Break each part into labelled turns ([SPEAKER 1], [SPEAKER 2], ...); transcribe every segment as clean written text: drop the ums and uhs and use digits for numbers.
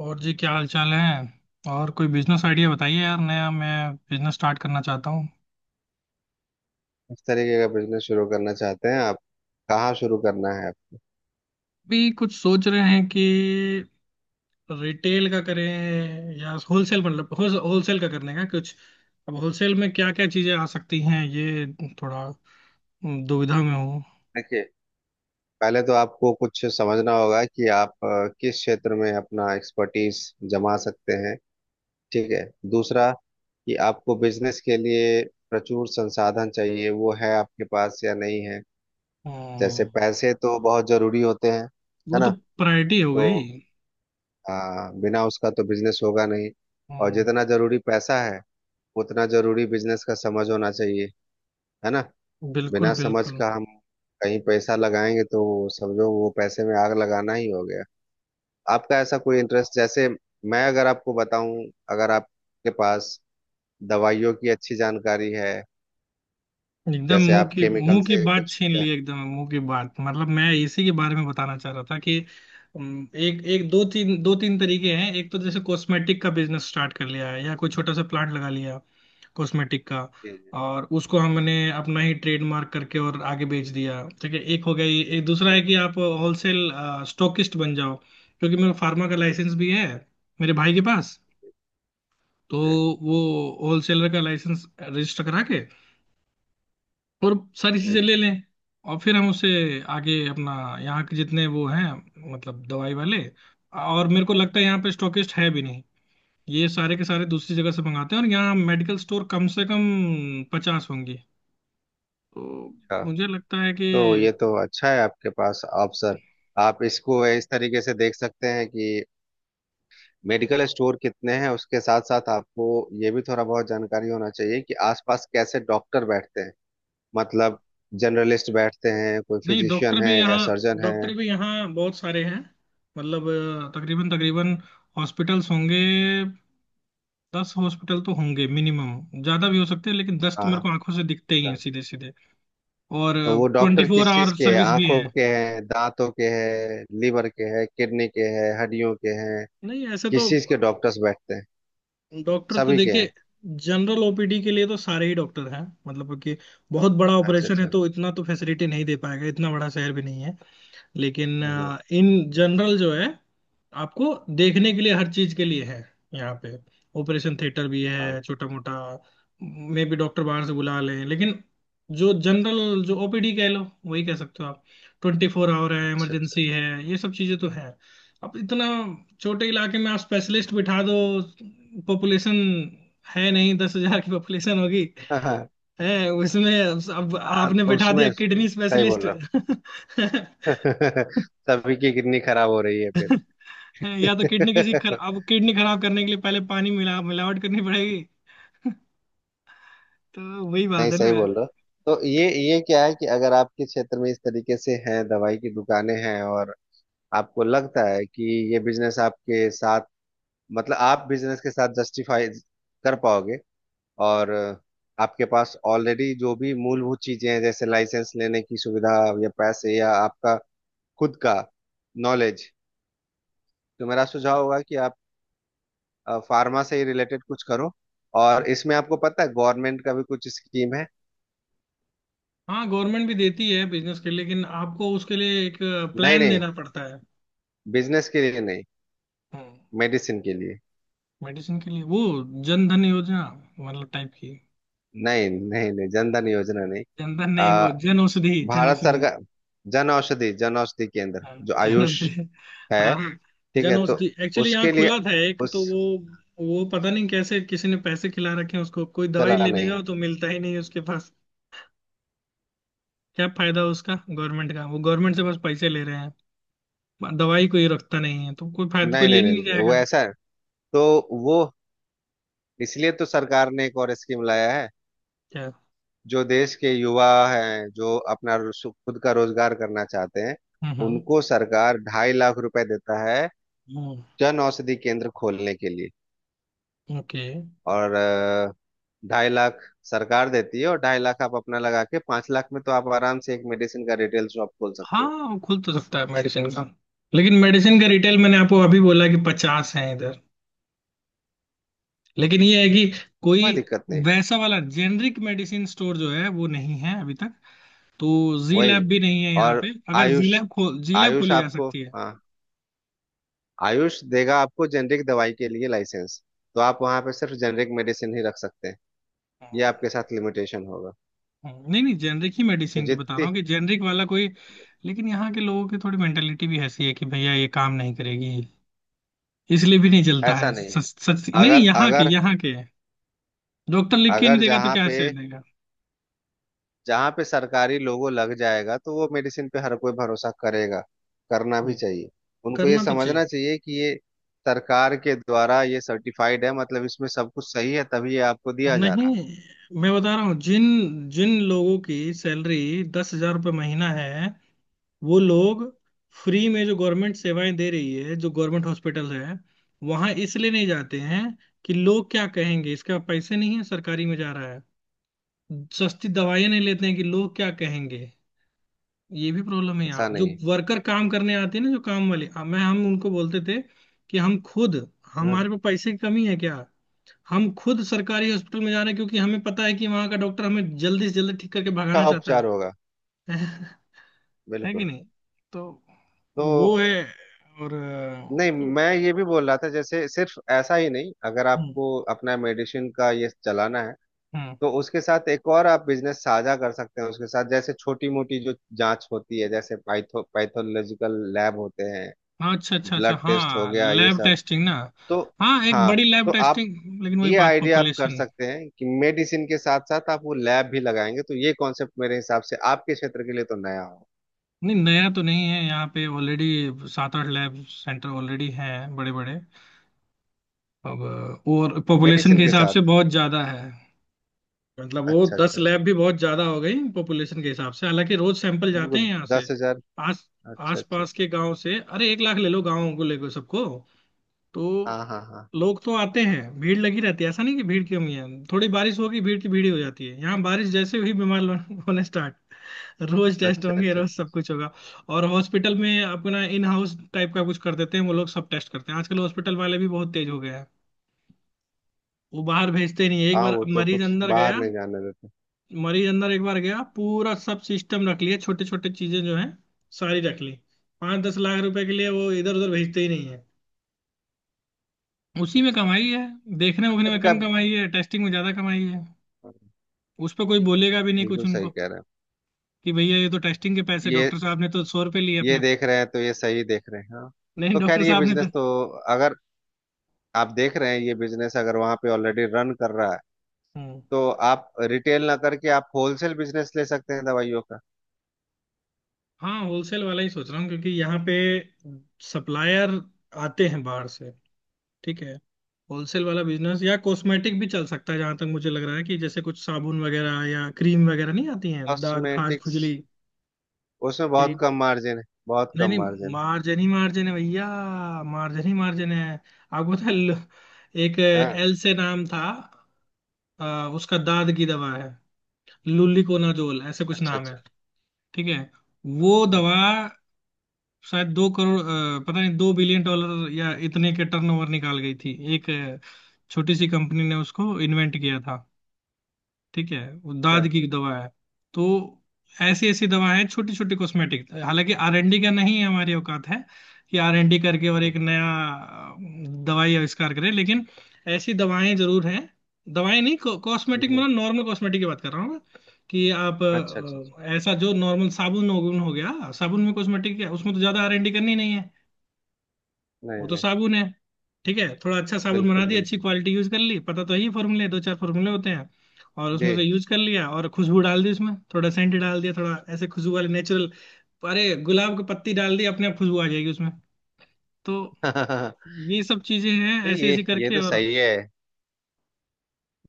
[SPEAKER 1] और जी, क्या हाल चाल है। और कोई बिजनेस आइडिया बताइए यार, नया। मैं बिजनेस स्टार्ट करना चाहता हूँ।
[SPEAKER 2] किस तरीके का बिजनेस शुरू करना चाहते हैं आप? कहाँ शुरू करना है?
[SPEAKER 1] भी कुछ सोच रहे हैं कि रिटेल का करें या होलसेल मतलब। होलसेल का करने का कुछ। अब होलसेल में क्या क्या चीजें आ सकती हैं। ये थोड़ा दुविधा में हूँ।
[SPEAKER 2] देखिए, पहले तो आपको कुछ समझना होगा कि आप किस क्षेत्र में अपना एक्सपर्टीज जमा सकते हैं। ठीक है? दूसरा, कि आपको बिजनेस के लिए प्रचुर संसाधन चाहिए, वो है आपके पास या नहीं है। जैसे
[SPEAKER 1] हम्म।
[SPEAKER 2] पैसे तो बहुत जरूरी होते हैं,
[SPEAKER 1] वो
[SPEAKER 2] है
[SPEAKER 1] तो
[SPEAKER 2] ना?
[SPEAKER 1] प्रायोरिटी हो
[SPEAKER 2] तो
[SPEAKER 1] गई।
[SPEAKER 2] अ, बिना उसका तो बिजनेस होगा नहीं। और
[SPEAKER 1] हम्म।
[SPEAKER 2] जितना जरूरी पैसा है उतना जरूरी बिजनेस का समझ होना चाहिए, है ना?
[SPEAKER 1] बिल्कुल
[SPEAKER 2] बिना समझ
[SPEAKER 1] बिल्कुल।
[SPEAKER 2] का हम कहीं पैसा लगाएंगे तो समझो वो पैसे में आग लगाना ही हो गया। आपका ऐसा कोई इंटरेस्ट, जैसे मैं अगर आपको बताऊं, अगर आपके पास दवाइयों की अच्छी जानकारी है,
[SPEAKER 1] एकदम
[SPEAKER 2] जैसे
[SPEAKER 1] मुंह
[SPEAKER 2] आप
[SPEAKER 1] की
[SPEAKER 2] केमिकल
[SPEAKER 1] मुंह की
[SPEAKER 2] से
[SPEAKER 1] बात
[SPEAKER 2] कुछ
[SPEAKER 1] छीन
[SPEAKER 2] किया।
[SPEAKER 1] ली। एकदम मुंह की बात, मतलब मैं इसी के बारे में बताना चाह रहा था कि एक एक दो तीन तरीके हैं। एक तो जैसे कॉस्मेटिक का बिजनेस स्टार्ट कर लिया है या कोई छोटा सा प्लांट लगा लिया कॉस्मेटिक का।
[SPEAKER 2] जी,
[SPEAKER 1] और उसको हमने अपना ही ट्रेडमार्क करके और आगे बेच दिया। ठीक है, एक हो गया ये। एक दूसरा है
[SPEAKER 2] जी,
[SPEAKER 1] कि आप होलसेल स्टॉकिस्ट बन जाओ, क्योंकि मेरा फार्मा का लाइसेंस भी है, मेरे भाई के पास। तो
[SPEAKER 2] जी,
[SPEAKER 1] वो होलसेलर का लाइसेंस रजिस्टर करा के और सारी
[SPEAKER 2] जी,
[SPEAKER 1] चीजें ले लें। और फिर हम उसे आगे अपना यहाँ के जितने वो हैं, मतलब दवाई वाले। और मेरे को लगता है यहाँ पे स्टॉकिस्ट है भी नहीं। ये सारे के सारे दूसरी जगह से मंगाते हैं और यहाँ मेडिकल स्टोर कम से कम 50 होंगे। तो
[SPEAKER 2] अच्छा।
[SPEAKER 1] मुझे लगता है कि
[SPEAKER 2] तो ये तो अच्छा है आपके पास ऑप्शन। आप इसको इस तरीके से देख सकते हैं कि मेडिकल स्टोर कितने हैं, उसके साथ साथ आपको ये भी थोड़ा बहुत जानकारी होना चाहिए कि आसपास कैसे डॉक्टर बैठते हैं। मतलब, जनरलिस्ट बैठते हैं, कोई
[SPEAKER 1] नहीं,
[SPEAKER 2] फिजिशियन है या सर्जन है।
[SPEAKER 1] डॉक्टर भी यहाँ बहुत सारे हैं। मतलब तकरीबन तकरीबन हॉस्पिटल्स होंगे। 10 हॉस्पिटल तो होंगे मिनिमम, ज्यादा भी हो सकते हैं, लेकिन 10 तो मेरे
[SPEAKER 2] हाँ,
[SPEAKER 1] को आंखों से दिखते ही हैं सीधे सीधे। और
[SPEAKER 2] तो वो
[SPEAKER 1] ट्वेंटी
[SPEAKER 2] डॉक्टर
[SPEAKER 1] फोर
[SPEAKER 2] किस चीज
[SPEAKER 1] आवर
[SPEAKER 2] के हैं?
[SPEAKER 1] सर्विस भी
[SPEAKER 2] आंखों
[SPEAKER 1] है।
[SPEAKER 2] के हैं, दांतों के हैं, लीवर के हैं, किडनी के हैं, हड्डियों के हैं,
[SPEAKER 1] नहीं ऐसे तो।
[SPEAKER 2] किस चीज के डॉक्टर्स बैठते हैं?
[SPEAKER 1] डॉक्टर तो
[SPEAKER 2] सभी के हैं?
[SPEAKER 1] देखिए, जनरल ओपीडी के लिए तो सारे ही डॉक्टर हैं। मतलब कि बहुत बड़ा
[SPEAKER 2] अच्छा
[SPEAKER 1] ऑपरेशन है
[SPEAKER 2] अच्छा।
[SPEAKER 1] तो इतना तो फैसिलिटी नहीं दे पाएगा, इतना बड़ा शहर भी नहीं है। लेकिन
[SPEAKER 2] हम्म हम्म,
[SPEAKER 1] इन जनरल जो है, आपको देखने के लिए हर चीज के लिए है यहाँ पे। ऑपरेशन थिएटर भी
[SPEAKER 2] हाँ।
[SPEAKER 1] है छोटा मोटा। मे भी डॉक्टर बाहर से बुला लें, लेकिन जो जनरल जो ओपीडी कह लो, वही कह सकते हो आप। 24 आवर है,
[SPEAKER 2] अच्छा अच्छा
[SPEAKER 1] इमरजेंसी है, ये सब चीजें तो है। अब इतना छोटे इलाके में आप स्पेशलिस्ट बिठा दो। पॉपुलेशन है नहीं, 10,000 की पॉपुलेशन होगी
[SPEAKER 2] अच्छा।
[SPEAKER 1] है उसमें। अब
[SPEAKER 2] हाँ,
[SPEAKER 1] आपने
[SPEAKER 2] तो
[SPEAKER 1] बिठा दिया
[SPEAKER 2] उसमें
[SPEAKER 1] किडनी
[SPEAKER 2] सही बोल
[SPEAKER 1] स्पेशलिस्ट।
[SPEAKER 2] रहा हूँ। सभी की किडनी खराब हो रही है
[SPEAKER 1] हैं, या तो
[SPEAKER 2] फिर।
[SPEAKER 1] अब किडनी खराब करने के लिए पहले पानी मिलावट करनी पड़ेगी। तो वही
[SPEAKER 2] नहीं,
[SPEAKER 1] बात है ना।
[SPEAKER 2] सही बोल रहा हूँ। तो ये क्या है कि अगर आपके क्षेत्र में इस तरीके से हैं, दवाई की दुकानें हैं, और आपको लगता है कि ये बिजनेस आपके साथ, मतलब आप बिजनेस के साथ जस्टिफाई कर पाओगे, और आपके पास ऑलरेडी जो भी मूलभूत चीजें हैं जैसे लाइसेंस लेने की सुविधा, या पैसे, या आपका खुद का नॉलेज, तो मेरा सुझाव होगा कि आप फार्मा से ही रिलेटेड कुछ करो। और इसमें आपको पता है गवर्नमेंट का भी कुछ स्कीम है।
[SPEAKER 1] हाँ, गवर्नमेंट भी देती है बिजनेस के लिए, लेकिन आपको उसके लिए एक
[SPEAKER 2] नहीं
[SPEAKER 1] प्लान
[SPEAKER 2] नहीं,
[SPEAKER 1] देना पड़ता है।
[SPEAKER 2] बिजनेस के लिए नहीं,
[SPEAKER 1] हम्म।
[SPEAKER 2] मेडिसिन के लिए।
[SPEAKER 1] मेडिसिन के लिए वो जन धन योजना मतलब टाइप की।
[SPEAKER 2] नहीं नहीं नहीं, जनधन योजना नहीं।
[SPEAKER 1] जन धन नहीं, वो जन औषधि, जन
[SPEAKER 2] भारत
[SPEAKER 1] औषधि।
[SPEAKER 2] सरकार, जन औषधि, जन औषधि केंद्र,
[SPEAKER 1] हाँ,
[SPEAKER 2] जो
[SPEAKER 1] जन
[SPEAKER 2] आयुष
[SPEAKER 1] औषधि।
[SPEAKER 2] है।
[SPEAKER 1] हाँ,
[SPEAKER 2] ठीक है,
[SPEAKER 1] जन
[SPEAKER 2] तो
[SPEAKER 1] औषधि एक्चुअली यहाँ
[SPEAKER 2] उसके लिए,
[SPEAKER 1] खुला था एक,
[SPEAKER 2] उस,
[SPEAKER 1] तो वो पता नहीं कैसे किसी ने पैसे खिला रखे हैं उसको। कोई दवाई
[SPEAKER 2] चला
[SPEAKER 1] लेने
[SPEAKER 2] नहीं?
[SPEAKER 1] जाओ तो मिलता ही नहीं है उसके पास। क्या फायदा उसका, गवर्नमेंट का। वो गवर्नमेंट से बस पैसे ले रहे हैं, दवाई कोई रखता नहीं है, तो कोई फायदा, कोई
[SPEAKER 2] नहीं
[SPEAKER 1] ले
[SPEAKER 2] नहीं
[SPEAKER 1] ही नहीं
[SPEAKER 2] नहीं, वो
[SPEAKER 1] जाएगा।
[SPEAKER 2] ऐसा है। तो वो, इसलिए तो सरकार ने एक और स्कीम लाया है।
[SPEAKER 1] क्या।
[SPEAKER 2] जो देश के युवा हैं, जो अपना खुद का रोजगार करना चाहते हैं,
[SPEAKER 1] हम्म
[SPEAKER 2] उनको सरकार 2.5 लाख रुपए देता है
[SPEAKER 1] हम्म।
[SPEAKER 2] जन औषधि केंद्र खोलने के लिए।
[SPEAKER 1] ओके।
[SPEAKER 2] और 2.5 लाख सरकार देती है और 2.5 लाख आप अपना लगा के, 5 लाख में तो आप आराम से एक मेडिसिन का रिटेल शॉप खोल सकते
[SPEAKER 1] हाँ,
[SPEAKER 2] हो।
[SPEAKER 1] वो खुल तो सकता है मेडिसिन का। लेकिन मेडिसिन का रिटेल मैंने आपको अभी बोला कि 50 है इधर। लेकिन ये है कि कोई
[SPEAKER 2] कोई दिक्कत नहीं।
[SPEAKER 1] वैसा वाला जेनरिक मेडिसिन स्टोर जो है, वो नहीं है अभी तक। तो जी
[SPEAKER 2] वही,
[SPEAKER 1] लैब भी नहीं है यहाँ
[SPEAKER 2] और
[SPEAKER 1] पे। अगर
[SPEAKER 2] आयुष,
[SPEAKER 1] जी लैब
[SPEAKER 2] आयुष
[SPEAKER 1] खोली जा
[SPEAKER 2] आपको,
[SPEAKER 1] सकती
[SPEAKER 2] हाँ, आयुष देगा आपको जेनरिक दवाई के लिए लाइसेंस। तो आप वहाँ पे सिर्फ जेनरिक मेडिसिन ही रख सकते हैं, ये आपके
[SPEAKER 1] है।
[SPEAKER 2] साथ लिमिटेशन होगा।
[SPEAKER 1] नहीं नहीं, जेनरिक ही
[SPEAKER 2] तो
[SPEAKER 1] मेडिसिन की बता रहा
[SPEAKER 2] जितनी,
[SPEAKER 1] हूँ कि जेनरिक वाला कोई। लेकिन यहाँ के लोगों की थोड़ी मेंटेलिटी भी ऐसी है कि भैया ये काम नहीं करेगी, इसलिए भी नहीं चलता
[SPEAKER 2] ऐसा
[SPEAKER 1] है।
[SPEAKER 2] नहीं
[SPEAKER 1] सच,
[SPEAKER 2] है।
[SPEAKER 1] सच। नहीं नहीं,
[SPEAKER 2] अगर
[SPEAKER 1] यहाँ के
[SPEAKER 2] अगर
[SPEAKER 1] यहाँ के डॉक्टर लिख के नहीं
[SPEAKER 2] अगर
[SPEAKER 1] देगा तो
[SPEAKER 2] जहाँ
[SPEAKER 1] क्या
[SPEAKER 2] पे
[SPEAKER 1] से देगा।
[SPEAKER 2] जहाँ पे सरकारी लोगो लग जाएगा तो वो मेडिसिन पे हर कोई भरोसा करेगा, करना भी
[SPEAKER 1] ये
[SPEAKER 2] चाहिए। उनको ये
[SPEAKER 1] करना तो चाहिए।
[SPEAKER 2] समझना चाहिए कि ये सरकार के द्वारा ये सर्टिफाइड है, मतलब इसमें सब कुछ सही है तभी ये आपको दिया जा रहा
[SPEAKER 1] नहीं,
[SPEAKER 2] है।
[SPEAKER 1] मैं बता रहा हूँ, जिन जिन लोगों की सैलरी 10,000 रुपये महीना है, वो लोग फ्री में जो गवर्नमेंट सेवाएं दे रही है, जो गवर्नमेंट हॉस्पिटल है, वहां इसलिए नहीं जाते हैं कि लोग क्या कहेंगे, इसका पैसे नहीं है सरकारी में जा रहा है। सस्ती दवाइयाँ नहीं लेते हैं कि लोग क्या कहेंगे। ये भी प्रॉब्लम है। यहाँ
[SPEAKER 2] ऐसा
[SPEAKER 1] जो
[SPEAKER 2] नहीं
[SPEAKER 1] वर्कर काम करने आते हैं ना, जो काम वाले, अब मैं हम उनको बोलते थे कि हम खुद,
[SPEAKER 2] है,
[SPEAKER 1] हमारे पास पैसे की कमी है क्या, हम खुद सरकारी हॉस्पिटल में जा रहे हैं, क्योंकि हमें पता है कि वहाँ का डॉक्टर हमें जल्दी से जल्दी ठीक करके
[SPEAKER 2] का
[SPEAKER 1] भगाना चाहता
[SPEAKER 2] उपचार
[SPEAKER 1] है।
[SPEAKER 2] होगा।
[SPEAKER 1] है कि
[SPEAKER 2] बिल्कुल।
[SPEAKER 1] नहीं। तो
[SPEAKER 2] तो
[SPEAKER 1] वो है। और
[SPEAKER 2] नहीं,
[SPEAKER 1] तो।
[SPEAKER 2] मैं ये भी बोल रहा था, जैसे सिर्फ ऐसा ही नहीं, अगर
[SPEAKER 1] हम्म
[SPEAKER 2] आपको अपना मेडिसिन का ये चलाना है,
[SPEAKER 1] हम्म।
[SPEAKER 2] तो उसके साथ एक और आप बिजनेस साझा कर सकते हैं उसके साथ, जैसे छोटी मोटी जो जांच होती है, जैसे पाइथो पैथोलॉजिकल लैब होते हैं,
[SPEAKER 1] हाँ, अच्छा अच्छा अच्छा।
[SPEAKER 2] ब्लड टेस्ट हो
[SPEAKER 1] हाँ,
[SPEAKER 2] गया ये
[SPEAKER 1] लैब
[SPEAKER 2] सब।
[SPEAKER 1] टेस्टिंग ना।
[SPEAKER 2] तो
[SPEAKER 1] हाँ, एक
[SPEAKER 2] हाँ,
[SPEAKER 1] बड़ी
[SPEAKER 2] तो
[SPEAKER 1] लैब
[SPEAKER 2] आप
[SPEAKER 1] टेस्टिंग, लेकिन वही
[SPEAKER 2] ये
[SPEAKER 1] बात,
[SPEAKER 2] आइडिया आप कर
[SPEAKER 1] पॉपुलेशन।
[SPEAKER 2] सकते हैं कि मेडिसिन के साथ साथ आप वो लैब भी लगाएंगे, तो ये कॉन्सेप्ट मेरे हिसाब से आपके क्षेत्र के लिए तो नया हो।
[SPEAKER 1] नहीं, नया तो नहीं है, यहाँ पे ऑलरेडी 7-8 लैब सेंटर ऑलरेडी हैं, बड़े बड़े। अब और पॉपुलेशन के
[SPEAKER 2] मेडिसिन के
[SPEAKER 1] हिसाब से
[SPEAKER 2] साथ।
[SPEAKER 1] बहुत ज़्यादा है। मतलब वो
[SPEAKER 2] अच्छा
[SPEAKER 1] 10
[SPEAKER 2] अच्छा अच्छा।
[SPEAKER 1] लैब भी बहुत ज़्यादा हो गई पॉपुलेशन के हिसाब से, हालांकि रोज सैंपल जाते
[SPEAKER 2] बिल्कुल,
[SPEAKER 1] हैं यहाँ से।
[SPEAKER 2] 10 हजार।
[SPEAKER 1] आस
[SPEAKER 2] अच्छा
[SPEAKER 1] आस
[SPEAKER 2] अच्छा
[SPEAKER 1] पास
[SPEAKER 2] अच्छा।
[SPEAKER 1] के गांव से, अरे 1,00,000 ले लो गांव को लेकर सबको। तो
[SPEAKER 2] हाँ हाँ हाँ।
[SPEAKER 1] लोग तो आते हैं, भीड़ लगी रहती है, ऐसा नहीं कि भीड़ की कमी है। थोड़ी बारिश होगी, भीड़ की भीड़ ही हो जाती है यहाँ। बारिश जैसे ही बीमार लोग होने स्टार्ट। रोज टेस्ट
[SPEAKER 2] अच्छा
[SPEAKER 1] होंगे,
[SPEAKER 2] अच्छा अच्छा
[SPEAKER 1] रोज सब
[SPEAKER 2] अच्छा।
[SPEAKER 1] कुछ होगा। और हॉस्पिटल में अपना इन हाउस टाइप का कुछ कर देते हैं, वो लोग सब टेस्ट करते हैं। आजकल हॉस्पिटल वाले भी बहुत तेज हो गए हैं, वो बाहर भेजते नहीं है। एक
[SPEAKER 2] हाँ,
[SPEAKER 1] बार
[SPEAKER 2] वो तो
[SPEAKER 1] मरीज
[SPEAKER 2] कुछ
[SPEAKER 1] अंदर
[SPEAKER 2] बाहर
[SPEAKER 1] गया,
[SPEAKER 2] नहीं जाने देते।
[SPEAKER 1] मरीज अंदर एक बार गया, पूरा सब सिस्टम रख लिया। छोटे छोटे चीजें जो है, सारी रख ली। 5-10 लाख रुपए के लिए वो इधर उधर भेजते ही नहीं है, उसी में कमाई है। देखने उखने में
[SPEAKER 2] उनका,
[SPEAKER 1] कम कमाई है, टेस्टिंग में ज्यादा कमाई है।
[SPEAKER 2] हाँ,
[SPEAKER 1] उस पर कोई बोलेगा भी नहीं कुछ
[SPEAKER 2] बिल्कुल सही
[SPEAKER 1] उनको,
[SPEAKER 2] कह रहे हैं।
[SPEAKER 1] कि भैया ये तो टेस्टिंग के पैसे,
[SPEAKER 2] ये
[SPEAKER 1] डॉक्टर साहब ने तो 100 रुपए लिए
[SPEAKER 2] ये
[SPEAKER 1] अपने।
[SPEAKER 2] देख रहे हैं तो ये सही देख रहे हैं, हाँ।
[SPEAKER 1] नहीं,
[SPEAKER 2] तो खैर
[SPEAKER 1] डॉक्टर
[SPEAKER 2] ये
[SPEAKER 1] साहब ने तो।
[SPEAKER 2] बिजनेस तो, अगर आप देख रहे हैं ये बिजनेस अगर वहाँ पे ऑलरेडी रन कर रहा है,
[SPEAKER 1] हम्म।
[SPEAKER 2] तो आप रिटेल ना करके आप होलसेल बिजनेस ले सकते हैं दवाइयों का।
[SPEAKER 1] हाँ, होलसेल वाला ही सोच रहा हूँ, क्योंकि यहाँ पे सप्लायर आते हैं बाहर से। ठीक है। होलसेल वाला बिजनेस या कॉस्मेटिक भी चल सकता है, जहां तक मुझे लग रहा है कि जैसे कुछ साबुन वगैरह या क्रीम वगैरह नहीं आती हैं दाद खाज
[SPEAKER 2] कॉस्मेटिक्स,
[SPEAKER 1] खुजली।
[SPEAKER 2] उसमें बहुत कम मार्जिन है, बहुत
[SPEAKER 1] नहीं
[SPEAKER 2] कम
[SPEAKER 1] नहीं,
[SPEAKER 2] मार्जिन
[SPEAKER 1] मार्जिन ही मार्जिन है भैया, मार्जिन ही मार्जिन है। आपको पता है, एक
[SPEAKER 2] है। हाँ।
[SPEAKER 1] एल से नाम था। उसका दाद की दवा है। लुलिकोनाजोल ऐसे कुछ
[SPEAKER 2] अच्छा
[SPEAKER 1] नाम है।
[SPEAKER 2] अच्छा।
[SPEAKER 1] ठीक है, वो
[SPEAKER 2] हम्म,
[SPEAKER 1] दवा शायद 2 करोड़, पता नहीं, $2 बिलियन या इतने के टर्नओवर निकाल गई थी। एक छोटी सी कंपनी ने उसको इन्वेंट किया था। ठीक है, वो
[SPEAKER 2] अच्छा।
[SPEAKER 1] दाद की दवा है। तो ऐसी ऐसी दवाएं हैं, छोटी छोटी कॉस्मेटिक, हालांकि R&D का नहीं है, हमारी औकात है कि R&D करके और
[SPEAKER 2] हम्म,
[SPEAKER 1] एक नया अ, दवाई आविष्कार करें, लेकिन ऐसी दवाएं जरूर हैं। दवाएं नहीं,
[SPEAKER 2] हम्म,
[SPEAKER 1] कॉस्मेटिक,
[SPEAKER 2] हम्म,
[SPEAKER 1] मतलब नॉर्मल कॉस्मेटिक की बात कर रहा हूँ मैं, कि आप
[SPEAKER 2] अच्छा अच्छा अच्छा।
[SPEAKER 1] ऐसा जो नॉर्मल साबुन हो। हो गया, साबुन में कॉस्मेटिक है, उसमें तो ज्यादा R&D करनी नहीं है, वो
[SPEAKER 2] नहीं
[SPEAKER 1] तो
[SPEAKER 2] नहीं।
[SPEAKER 1] साबुन है। ठीक है, थोड़ा अच्छा साबुन बना
[SPEAKER 2] बिल्कुल
[SPEAKER 1] दिया, अच्छी
[SPEAKER 2] बिल्कुल।
[SPEAKER 1] क्वालिटी यूज कर ली, पता तो यही फॉर्मूले, दो चार फॉर्मूले होते हैं, और
[SPEAKER 2] जी।
[SPEAKER 1] उसमें से यूज कर लिया, और खुशबू डाल दी उसमें, थोड़ा सेंट डाल दिया, थोड़ा ऐसे खुशबू वाले नेचुरल। अरे गुलाब की पत्ती डाल दी, अपने आप खुशबू आ जाएगी उसमें। तो ये सब चीजें हैं
[SPEAKER 2] तो
[SPEAKER 1] ऐसे
[SPEAKER 2] ये
[SPEAKER 1] ऐसे
[SPEAKER 2] ये
[SPEAKER 1] करके।
[SPEAKER 2] तो
[SPEAKER 1] और
[SPEAKER 2] सही है,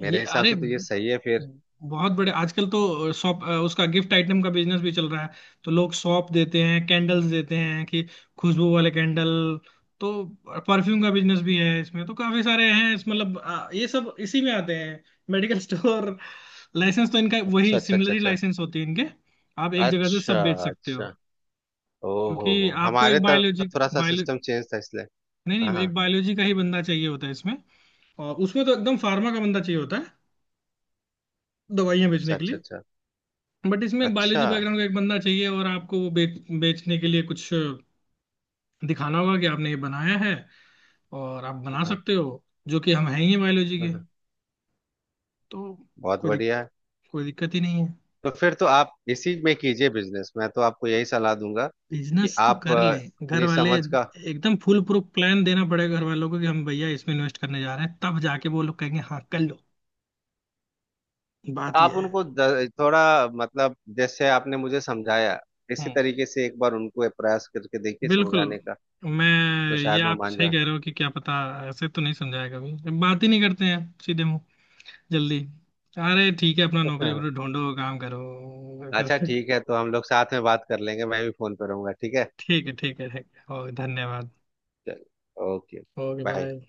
[SPEAKER 1] ये,
[SPEAKER 2] मेरे हिसाब
[SPEAKER 1] अरे
[SPEAKER 2] से तो ये सही है फिर।
[SPEAKER 1] बहुत बड़े आजकल तो शॉप, उसका गिफ्ट आइटम का बिजनेस भी चल रहा है। तो लोग सौंफ देते हैं, कैंडल्स देते हैं कि खुशबू वाले कैंडल। तो परफ्यूम का बिजनेस भी है, इसमें तो काफी सारे हैं इस, मतलब ये सब इसी में आते हैं, मेडिकल स्टोर। लाइसेंस तो इनका
[SPEAKER 2] अच्छा
[SPEAKER 1] वही
[SPEAKER 2] अच्छा
[SPEAKER 1] सिमिलर
[SPEAKER 2] अच्छा
[SPEAKER 1] ही
[SPEAKER 2] अच्छा
[SPEAKER 1] लाइसेंस होती है इनके, आप एक जगह से
[SPEAKER 2] अच्छा
[SPEAKER 1] सब बेच सकते
[SPEAKER 2] अच्छा।
[SPEAKER 1] हो। क्योंकि
[SPEAKER 2] ओहो,
[SPEAKER 1] आपको एक
[SPEAKER 2] हमारे तरफ
[SPEAKER 1] बायोलॉजी
[SPEAKER 2] थोड़ा सा
[SPEAKER 1] बायो
[SPEAKER 2] सिस्टम चेंज था इसलिए।
[SPEAKER 1] नहीं
[SPEAKER 2] हाँ
[SPEAKER 1] नहीं,
[SPEAKER 2] हाँ।
[SPEAKER 1] एक बायोलॉजी का ही बंदा चाहिए होता है इसमें। और उसमें तो एकदम फार्मा का बंदा चाहिए होता है दवाइयां
[SPEAKER 2] अच्छा
[SPEAKER 1] बेचने के
[SPEAKER 2] अच्छा
[SPEAKER 1] लिए।
[SPEAKER 2] अच्छा
[SPEAKER 1] बट इसमें
[SPEAKER 2] अच्छा।
[SPEAKER 1] बायोलॉजी बैकग्राउंड का एक बंदा चाहिए, और आपको वो बेचने के लिए कुछ दिखाना होगा कि आपने ये बनाया है और आप बना
[SPEAKER 2] हाँ
[SPEAKER 1] सकते हो, जो कि हम हैं ही बायोलॉजी
[SPEAKER 2] हाँ
[SPEAKER 1] के।
[SPEAKER 2] हाँ,
[SPEAKER 1] तो
[SPEAKER 2] बहुत
[SPEAKER 1] कोई दिक,
[SPEAKER 2] बढ़िया है।
[SPEAKER 1] कोई दिक्कत ही नहीं है।
[SPEAKER 2] तो फिर तो आप इसी में कीजिए बिजनेस, मैं तो आपको यही सलाह दूंगा
[SPEAKER 1] बिजनेस
[SPEAKER 2] कि
[SPEAKER 1] तो
[SPEAKER 2] आप
[SPEAKER 1] कर ले घर
[SPEAKER 2] अपनी
[SPEAKER 1] वाले।
[SPEAKER 2] समझ का।
[SPEAKER 1] एकदम फुल प्रूफ प्लान देना पड़ेगा घर वालों को कि हम, भैया, इसमें इन्वेस्ट करने जा रहे हैं, तब जाके वो लोग कहेंगे हाँ कर लो। बात ये
[SPEAKER 2] आप
[SPEAKER 1] है।
[SPEAKER 2] उनको थोड़ा, मतलब जैसे आपने मुझे समझाया, इसी
[SPEAKER 1] हम्म।
[SPEAKER 2] तरीके से एक बार उनको प्रयास करके देखिए
[SPEAKER 1] बिल्कुल।
[SPEAKER 2] समझाने का।
[SPEAKER 1] मैं,
[SPEAKER 2] तो
[SPEAKER 1] ये
[SPEAKER 2] शायद वो
[SPEAKER 1] आप
[SPEAKER 2] मान
[SPEAKER 1] सही कह रहे हो कि क्या पता। ऐसे तो नहीं समझाया कभी, बात ही नहीं करते हैं सीधे मुंह। जल्दी। अरे ठीक है, अपना नौकरी
[SPEAKER 2] जाए।
[SPEAKER 1] वोकरी ढूंढो, काम करो
[SPEAKER 2] अच्छा, ठीक है, तो हम लोग साथ में बात कर लेंगे, मैं भी फोन पे रहूंगा, ठीक है?
[SPEAKER 1] ठीक है, ठीक है, ठीक है। ओ, धन्यवाद।
[SPEAKER 2] चल, ओके,
[SPEAKER 1] ओके,
[SPEAKER 2] बाय।
[SPEAKER 1] बाय।